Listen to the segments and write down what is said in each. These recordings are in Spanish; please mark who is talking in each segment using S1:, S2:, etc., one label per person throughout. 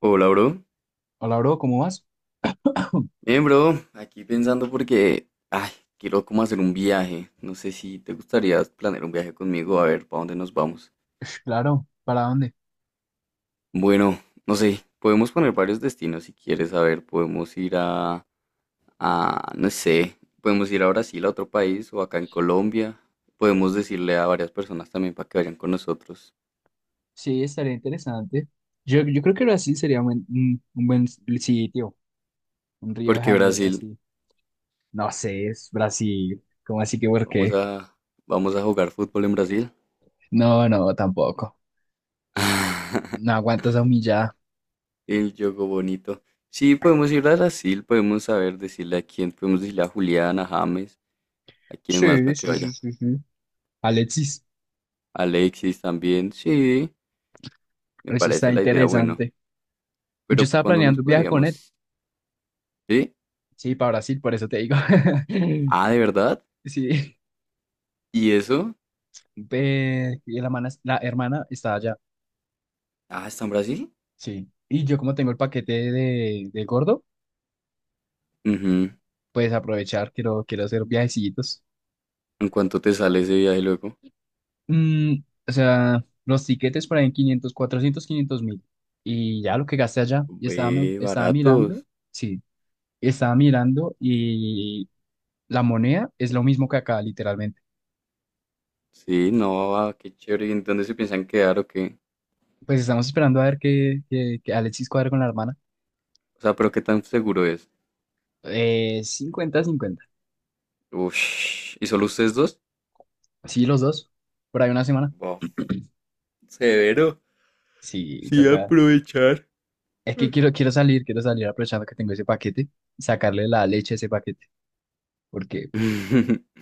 S1: Hola, bro.
S2: Hola, bro, ¿cómo vas?
S1: Bien, bro. Aquí pensando porque, ay, quiero como hacer un viaje. No sé si te gustaría planear un viaje conmigo, a ver, ¿para dónde nos vamos?
S2: Ush, claro, ¿para dónde?
S1: Bueno, no sé, podemos poner varios destinos si quieres, a ver, podemos ir no sé, podemos ir a Brasil, a otro país, o acá en Colombia. Podemos decirle a varias personas también para que vayan con nosotros.
S2: Sí, estaría interesante. Yo creo que Brasil sería un buen sitio, un Río de
S1: Porque
S2: Janeiro
S1: Brasil,
S2: así. No sé, es Brasil. ¿Cómo así que por
S1: vamos
S2: qué?
S1: a, vamos a jugar fútbol en Brasil.
S2: No, no, tampoco. No aguanto esa humillada.
S1: El yogo bonito. Sí, podemos ir a Brasil, podemos saber decirle a quién, podemos decirle a Julián, a James, a quién más
S2: Sí,
S1: para que
S2: sí, sí,
S1: vaya.
S2: sí, sí. Alexis,
S1: Alexis también, sí, me
S2: eso
S1: parece
S2: está
S1: la idea bueno.
S2: interesante. Yo
S1: Pero
S2: estaba
S1: ¿cuándo nos
S2: planeando un viaje con él.
S1: podríamos? ¿Sí?
S2: Sí, para Brasil, por eso te digo.
S1: Ah, ¿de verdad?
S2: Sí.
S1: ¿Y eso?
S2: Ve, y la hermana está allá.
S1: Ah, ¿está en Brasil?
S2: Sí. Y yo como tengo el paquete de gordo,
S1: Ujú.
S2: pues aprovechar, quiero hacer viajecitos.
S1: ¿En cuánto te sale ese viaje luego?
S2: Mm, o sea, los tiquetes por ahí en 500, 400, 500 mil. Y ya lo que gasté allá, y estaba, me-
S1: Ve,
S2: estaba mirando,
S1: baratos.
S2: sí, estaba mirando y la moneda es lo mismo que acá, literalmente.
S1: Sí, no, ah, qué chévere. ¿Y en dónde se piensan quedar o qué?
S2: Pues estamos esperando a ver que Alexis cuadre con la hermana.
S1: O sea, pero ¿qué tan seguro es?
S2: 50/50.
S1: Ush. ¿Y solo ustedes dos?
S2: Sí, los dos, por ahí una semana.
S1: Bof, severo.
S2: Sí,
S1: Sí,
S2: toca.
S1: aprovechar.
S2: Es que quiero salir aprovechando que tengo ese paquete, sacarle la leche a ese paquete, porque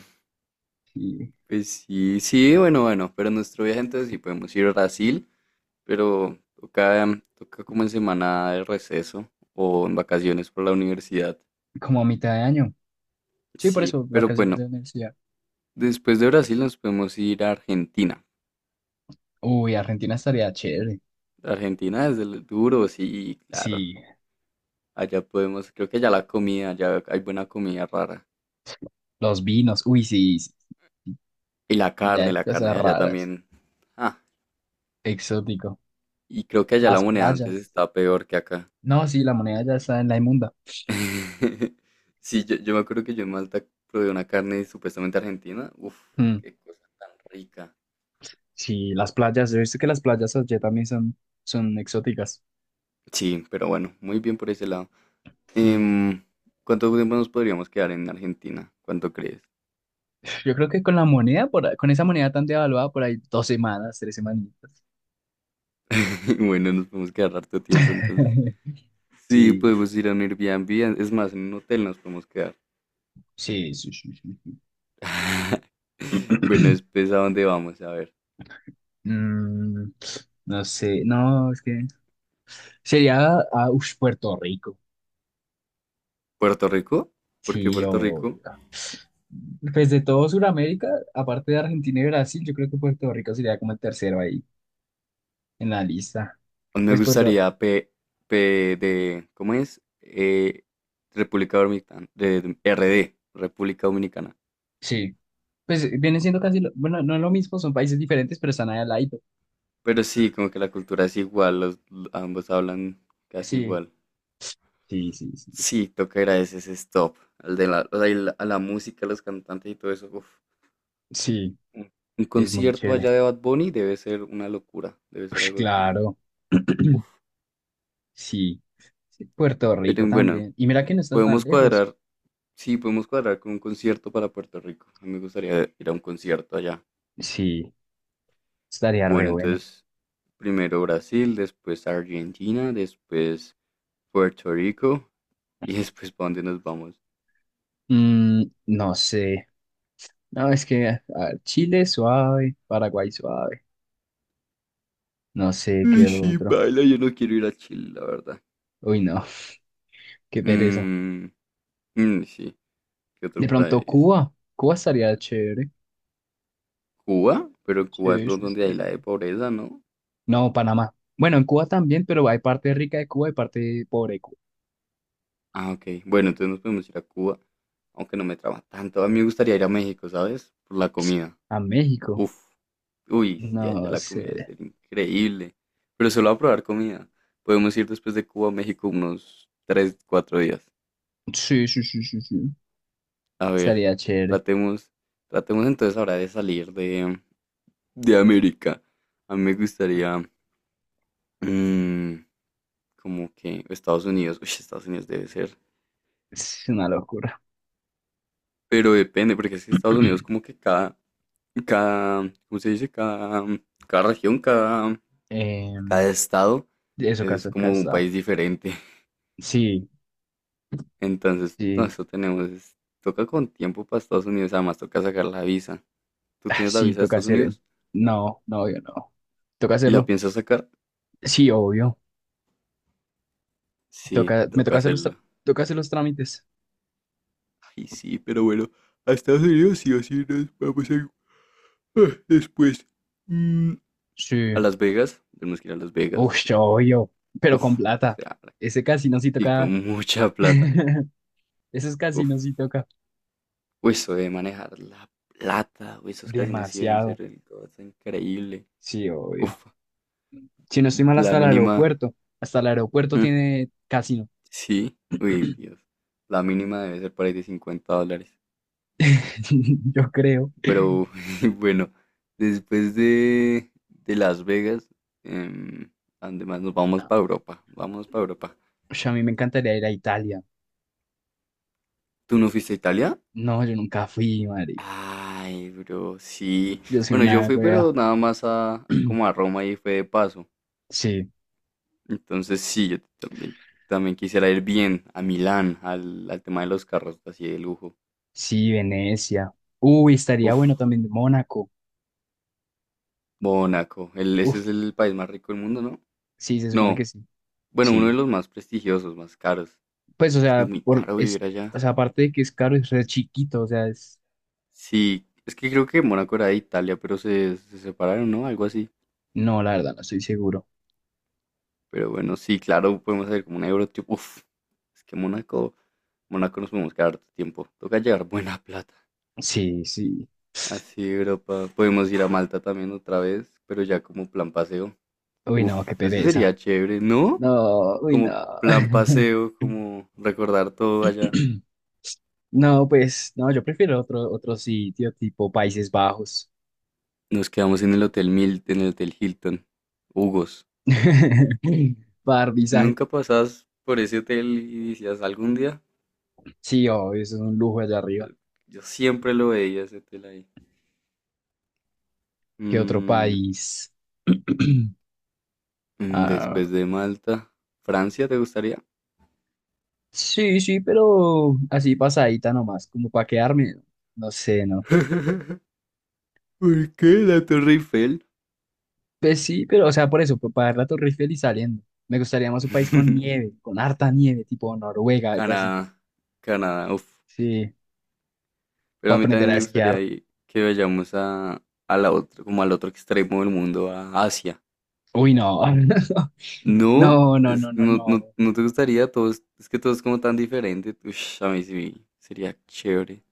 S2: sí,
S1: Pues sí, sí, bueno, bueno, pero nuestro viaje entonces sí podemos ir a Brasil, pero toca, toca como en semana de receso o en vacaciones por la universidad.
S2: como a mitad de año. Sí, por
S1: Sí,
S2: eso,
S1: pero
S2: vacaciones
S1: bueno,
S2: de universidad.
S1: después de Brasil nos podemos ir a Argentina.
S2: Uy, Argentina estaría chévere.
S1: Argentina es el duro, sí, claro.
S2: Sí,
S1: Allá podemos, creo que allá la comida, allá hay buena comida rara.
S2: los vinos, uy, sí, sí, sí.
S1: Y
S2: Allá hay
S1: la carne
S2: cosas
S1: de allá
S2: raras,
S1: también. Ah,
S2: exótico.
S1: y creo que allá la
S2: Las
S1: moneda antes
S2: playas.
S1: está peor que acá.
S2: No, sí, la moneda ya está en la inmunda.
S1: Sí, yo me acuerdo que yo en Malta probé una carne supuestamente argentina. Uf,
S2: Mm,
S1: qué cosa tan rica.
S2: sí, las playas, yo he visto que las playas allá también son exóticas.
S1: Sí, pero bueno, muy bien por ese lado.
S2: Mm,
S1: Em, ¿Cuánto tiempo nos podríamos quedar en Argentina? ¿Cuánto crees?
S2: Yo creo que con la moneda, con esa moneda tan devaluada, por ahí 2 semanas, 3 semanitas.
S1: Bueno, nos podemos quedar harto tiempo entonces. Sí,
S2: Sí,
S1: podemos ir a un Airbnb, es más, en un hotel nos podemos quedar.
S2: sí, sí, sí, sí.
S1: Bueno, después, ¿a dónde vamos? A ver,
S2: Mm, no sé, no, es que sería a Puerto Rico.
S1: ¿Puerto Rico? ¿Por qué
S2: Sí,
S1: Puerto
S2: o
S1: Rico?
S2: pues de todo Sudamérica, aparte de Argentina y Brasil, yo creo que Puerto Rico sería como el tercero ahí en la lista.
S1: Me
S2: Pues Puerto,
S1: gustaría P, P de, ¿cómo es? República Dominicana, de- RD, República Dominicana.
S2: sí. Pues viene siendo casi lo- bueno, no es lo mismo, son países diferentes, pero están ahí al lado.
S1: Pero sí, como que la cultura es igual, los, ambos hablan casi
S2: Sí,
S1: igual.
S2: sí, sí, sí.
S1: Sí, toca ir a ese stop, al de la, o sea, y la- a la música, a los cantantes y todo eso. Uf.
S2: Sí,
S1: Un un
S2: es muy
S1: concierto allá
S2: chévere.
S1: de Bad Bunny debe ser una locura, debe ser
S2: Ush,
S1: algo de otro mundo.
S2: claro.
S1: Uf.
S2: Sí. Sí, Puerto Rico
S1: Pero bueno,
S2: también. Y mira que no estás tan
S1: podemos
S2: lejos.
S1: cuadrar, sí, podemos cuadrar con un concierto para Puerto Rico. A mí me gustaría ir a un concierto allá.
S2: Sí, estaría re
S1: Bueno,
S2: bueno.
S1: entonces primero Brasil, después Argentina, después Puerto Rico, y después ¿para dónde nos vamos?
S2: No sé. No, es que a ver, Chile suave, Paraguay suave. No sé
S1: Uy,
S2: qué
S1: sí,
S2: otro.
S1: baila, yo no quiero ir a Chile, la verdad.
S2: Uy, no, qué pereza.
S1: Mm, sí, ¿qué
S2: De
S1: otro
S2: pronto
S1: país?
S2: Cuba. Cuba estaría chévere.
S1: Cuba, pero Cuba es
S2: Sí,
S1: lo
S2: sí,
S1: donde
S2: sí,
S1: hay la de
S2: sí.
S1: pobreza, ¿no?
S2: No, Panamá. Bueno, en Cuba también, pero hay parte rica de Cuba y parte pobre de Cuba.
S1: Ah, ok. Bueno, entonces nos podemos ir a Cuba, aunque no me traba tanto. A mí me gustaría ir a México, ¿sabes? Por la comida.
S2: A México.
S1: Uf. Uy, sí, allá
S2: No
S1: la comida debe
S2: sé.
S1: ser increíble. Pero solo a probar comida. Podemos ir después de Cuba a México unos 3, 4 días.
S2: Sí, sí, sí, sí, sí.
S1: A ver,
S2: Estaría chévere.
S1: tratemos, tratemos entonces ahora de salir de América. A mí me gustaría, mm, como que Estados Unidos, uy, Estados Unidos debe ser.
S2: Es una locura.
S1: Pero depende, porque es que Estados Unidos como que ¿cómo se dice? Cada región,
S2: Em,
S1: cada estado
S2: eso,
S1: es
S2: caso,
S1: como un
S2: casado.
S1: país diferente.
S2: Sí,
S1: Entonces, no,
S2: sí.
S1: eso tenemos, es- toca con tiempo para Estados Unidos, además toca sacar la visa. ¿Tú
S2: Ah,
S1: tienes la
S2: sí,
S1: visa de
S2: toca
S1: Estados
S2: hacer.
S1: Unidos?
S2: No, no, yo no. Toca
S1: ¿Y la
S2: hacerlo.
S1: piensas sacar?
S2: Sí, obvio.
S1: Sí,
S2: Toca, me
S1: toca
S2: toca hacer los, tra-
S1: hacerla.
S2: toca hacer los trámites.
S1: Ay, sí, pero bueno, a Estados Unidos sí o sí nos vamos a... ah, después. mm, a
S2: Sí.
S1: Las Vegas, tenemos que ir a Las
S2: Uf,
S1: Vegas. Las Vegas.
S2: obvio. Pero con
S1: Uf,
S2: plata.
S1: claro,
S2: Ese casino sí
S1: sí,
S2: toca.
S1: con mucha plata.
S2: Esos
S1: Uf,
S2: casinos sí toca.
S1: uy, eso de manejar la plata, uy, esos casinos sí deben
S2: Demasiado.
S1: ser el- todo está increíble.
S2: Sí, obvio.
S1: Uf,
S2: Si no estoy mal,
S1: la
S2: hasta el
S1: mínima...
S2: aeropuerto. Hasta el aeropuerto
S1: mm,
S2: tiene casino.
S1: sí, uy, Dios. La mínima debe ser por ahí de $50.
S2: Yo creo.
S1: Pero bueno, después de Las Vegas, em, ¿a dónde más nos vamos para
S2: Ah,
S1: Europa? Vamos para Europa.
S2: ush, a mí me encantaría ir a Italia.
S1: ¿Tú no fuiste a Italia?
S2: No, yo nunca fui, madre.
S1: Ay, bro, sí.
S2: Yo soy
S1: Bueno, yo
S2: una
S1: fui,
S2: wea.
S1: pero nada más a como a Roma y fue de paso.
S2: Sí.
S1: Entonces sí, también quisiera ir bien a Milán, al tema de los carros así de lujo.
S2: Sí, Venecia. Uy, estaría
S1: Uf,
S2: bueno también Mónaco.
S1: Mónaco. El, ese
S2: Uf,
S1: es el país más rico del mundo, ¿no?
S2: sí, se supone que
S1: No,
S2: sí.
S1: bueno, uno de
S2: Sí.
S1: los más prestigiosos, más caros.
S2: Pues, o
S1: Es que es
S2: sea,
S1: muy caro vivir allá.
S2: o sea, aparte de que es caro, es re chiquito, o sea, es...
S1: Sí, es que creo que Mónaco era de Italia, pero se separaron, ¿no? Algo así.
S2: No, la verdad, no estoy seguro.
S1: Pero bueno, sí, claro, podemos hacer como un euro, tipo, uf, es que Mónaco nos podemos quedar harto tiempo. Toca llevar buena plata.
S2: Sí, sí.
S1: Así, Europa. Podemos ir a Malta también otra vez, pero ya como plan paseo.
S2: Uy,
S1: Uf,
S2: no, qué
S1: eso
S2: pereza.
S1: sería chévere, ¿no?
S2: No, uy, no.
S1: Como plan paseo, como recordar todo allá.
S2: No, pues, no, yo prefiero otro, otro sitio, tipo Países Bajos.
S1: Nos quedamos en el Hotel Mil, en el Hotel Hilton. Hugos.
S2: Para dar visaje.
S1: Nunca pasabas por ese hotel y decías algún día.
S2: Sí, obvio, eso es un lujo allá
S1: Yo,
S2: arriba.
S1: yo siempre lo veía ese hotel ahí.
S2: ¿Qué otro
S1: Mm,
S2: país? Ah,
S1: después de Malta, Francia, ¿te gustaría?
S2: sí, sí, pero así pasadita nomás, como para quedarme, no sé, ¿no?
S1: ¿Por qué la Torre Eiffel?
S2: Pues sí, pero o sea, por eso, para ver la Torre Eiffel y saliendo. Me gustaría más un país con nieve, con harta nieve, tipo Noruega, algo así.
S1: Canadá, Canadá, uff.
S2: Sí,
S1: Pero
S2: para
S1: a mí
S2: aprender
S1: también
S2: a
S1: me gustaría
S2: esquiar.
S1: ahí que vayamos a la otra, como al otro extremo del mundo, a Asia.
S2: Uy, no.
S1: No,
S2: No, no,
S1: es,
S2: no, no,
S1: no, no,
S2: no.
S1: no te gustaría, todo es que todo es como tan diferente. Ush, a mí sí, sería chévere.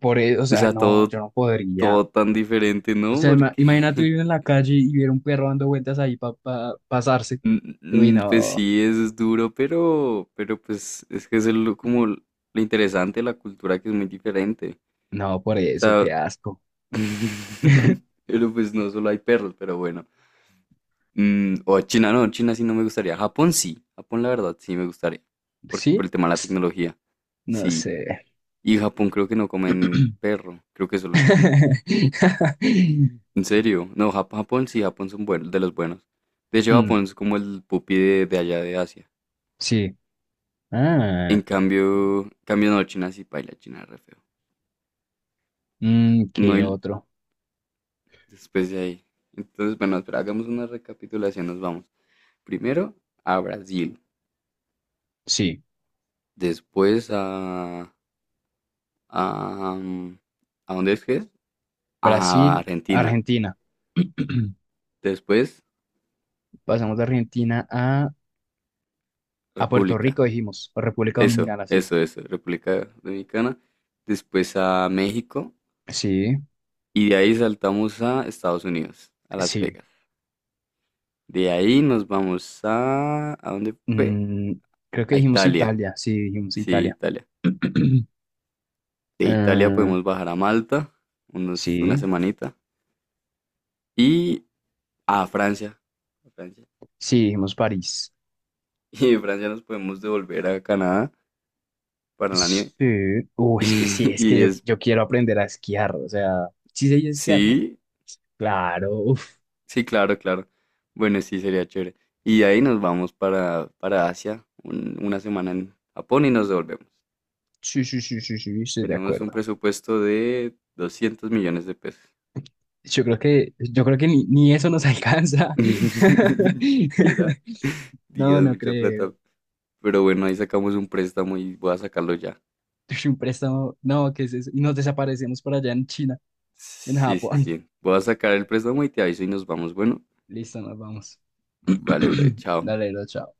S2: Por eso, o
S1: O
S2: sea,
S1: sea,
S2: no, yo
S1: todo,
S2: no podría.
S1: todo tan diferente,
S2: O
S1: ¿no?
S2: sea,
S1: Porque,
S2: imagínate vivir en la calle y ver un perro dando vueltas ahí para pasarse.
S1: n-
S2: Uy,
S1: n- pues
S2: no,
S1: sí, es duro, pero pues es que es el- como lo interesante de la cultura que es muy diferente.
S2: no, por
S1: O
S2: eso,
S1: sea,
S2: qué asco.
S1: pero pues no solo hay perros, pero bueno. Mm, o China, no, China sí no me gustaría. Japón sí, Japón la verdad sí me gustaría, por
S2: ¿Sí?
S1: el tema de la tecnología.
S2: No
S1: Sí,
S2: sé.
S1: y Japón creo que no comen perro, creo que solo en China. En serio, no, Jap- Japón sí, Japón son buenos, de los buenos. De hecho,
S2: Hmm,
S1: Japón es como el pupi de allá de Asia.
S2: sí.
S1: En
S2: Ah,
S1: cambio, cambio no, China sí paila, China es re feo. No,
S2: ¿qué
S1: y
S2: otro?
S1: después de ahí. Entonces, bueno, espera, hagamos una recapitulación, nos vamos. Primero a Brasil,
S2: Sí.
S1: después a, mm, ¿a dónde es que es? A
S2: Brasil,
S1: Argentina,
S2: Argentina.
S1: después
S2: Pasamos de Argentina a Puerto
S1: República,
S2: Rico, dijimos, o República Dominicana, sí.
S1: eso, República Dominicana, después a México,
S2: Sí,
S1: y de ahí saltamos a Estados Unidos, a Las
S2: sí.
S1: Vegas. De ahí nos vamos a... ¿A dónde fue?
S2: Mm, Creo que
S1: A
S2: dijimos
S1: Italia.
S2: Italia, sí, dijimos
S1: Sí,
S2: Italia.
S1: Italia. De Italia
S2: Ah,
S1: podemos bajar a Malta, una
S2: sí,
S1: semanita. Y a Francia. A Francia.
S2: sí, dijimos París.
S1: Y de Francia nos podemos devolver a Canadá para la nieve.
S2: Sí, uy, sí, es que
S1: Y
S2: yo,
S1: es...
S2: yo quiero aprender a esquiar, o sea, sí sé esquiar, ¿no?
S1: Sí,
S2: Claro,
S1: sí, claro, claro. Bueno, sí, sería chévere. Y de ahí nos vamos para Asia, un- 1 semana en Japón y nos devolvemos.
S2: sí, sí, sí, sí, sí, estoy de
S1: Tenemos un
S2: acuerdo.
S1: presupuesto de $200 millones.
S2: Yo creo que ni eso nos alcanza.
S1: Era
S2: No,
S1: Dios,
S2: no
S1: mucha
S2: creo.
S1: plata. Pero bueno, ahí sacamos un préstamo y voy a sacarlo ya.
S2: Ush, un préstamo, no, ¿qué es eso? Y nos desaparecemos por allá en China, en
S1: Sí, sí,
S2: Japón.
S1: sí. Voy a sacar el préstamo y te aviso y nos vamos. Bueno,
S2: Listo, nos vamos.
S1: vale, bro, chao.
S2: Dale, lo chao.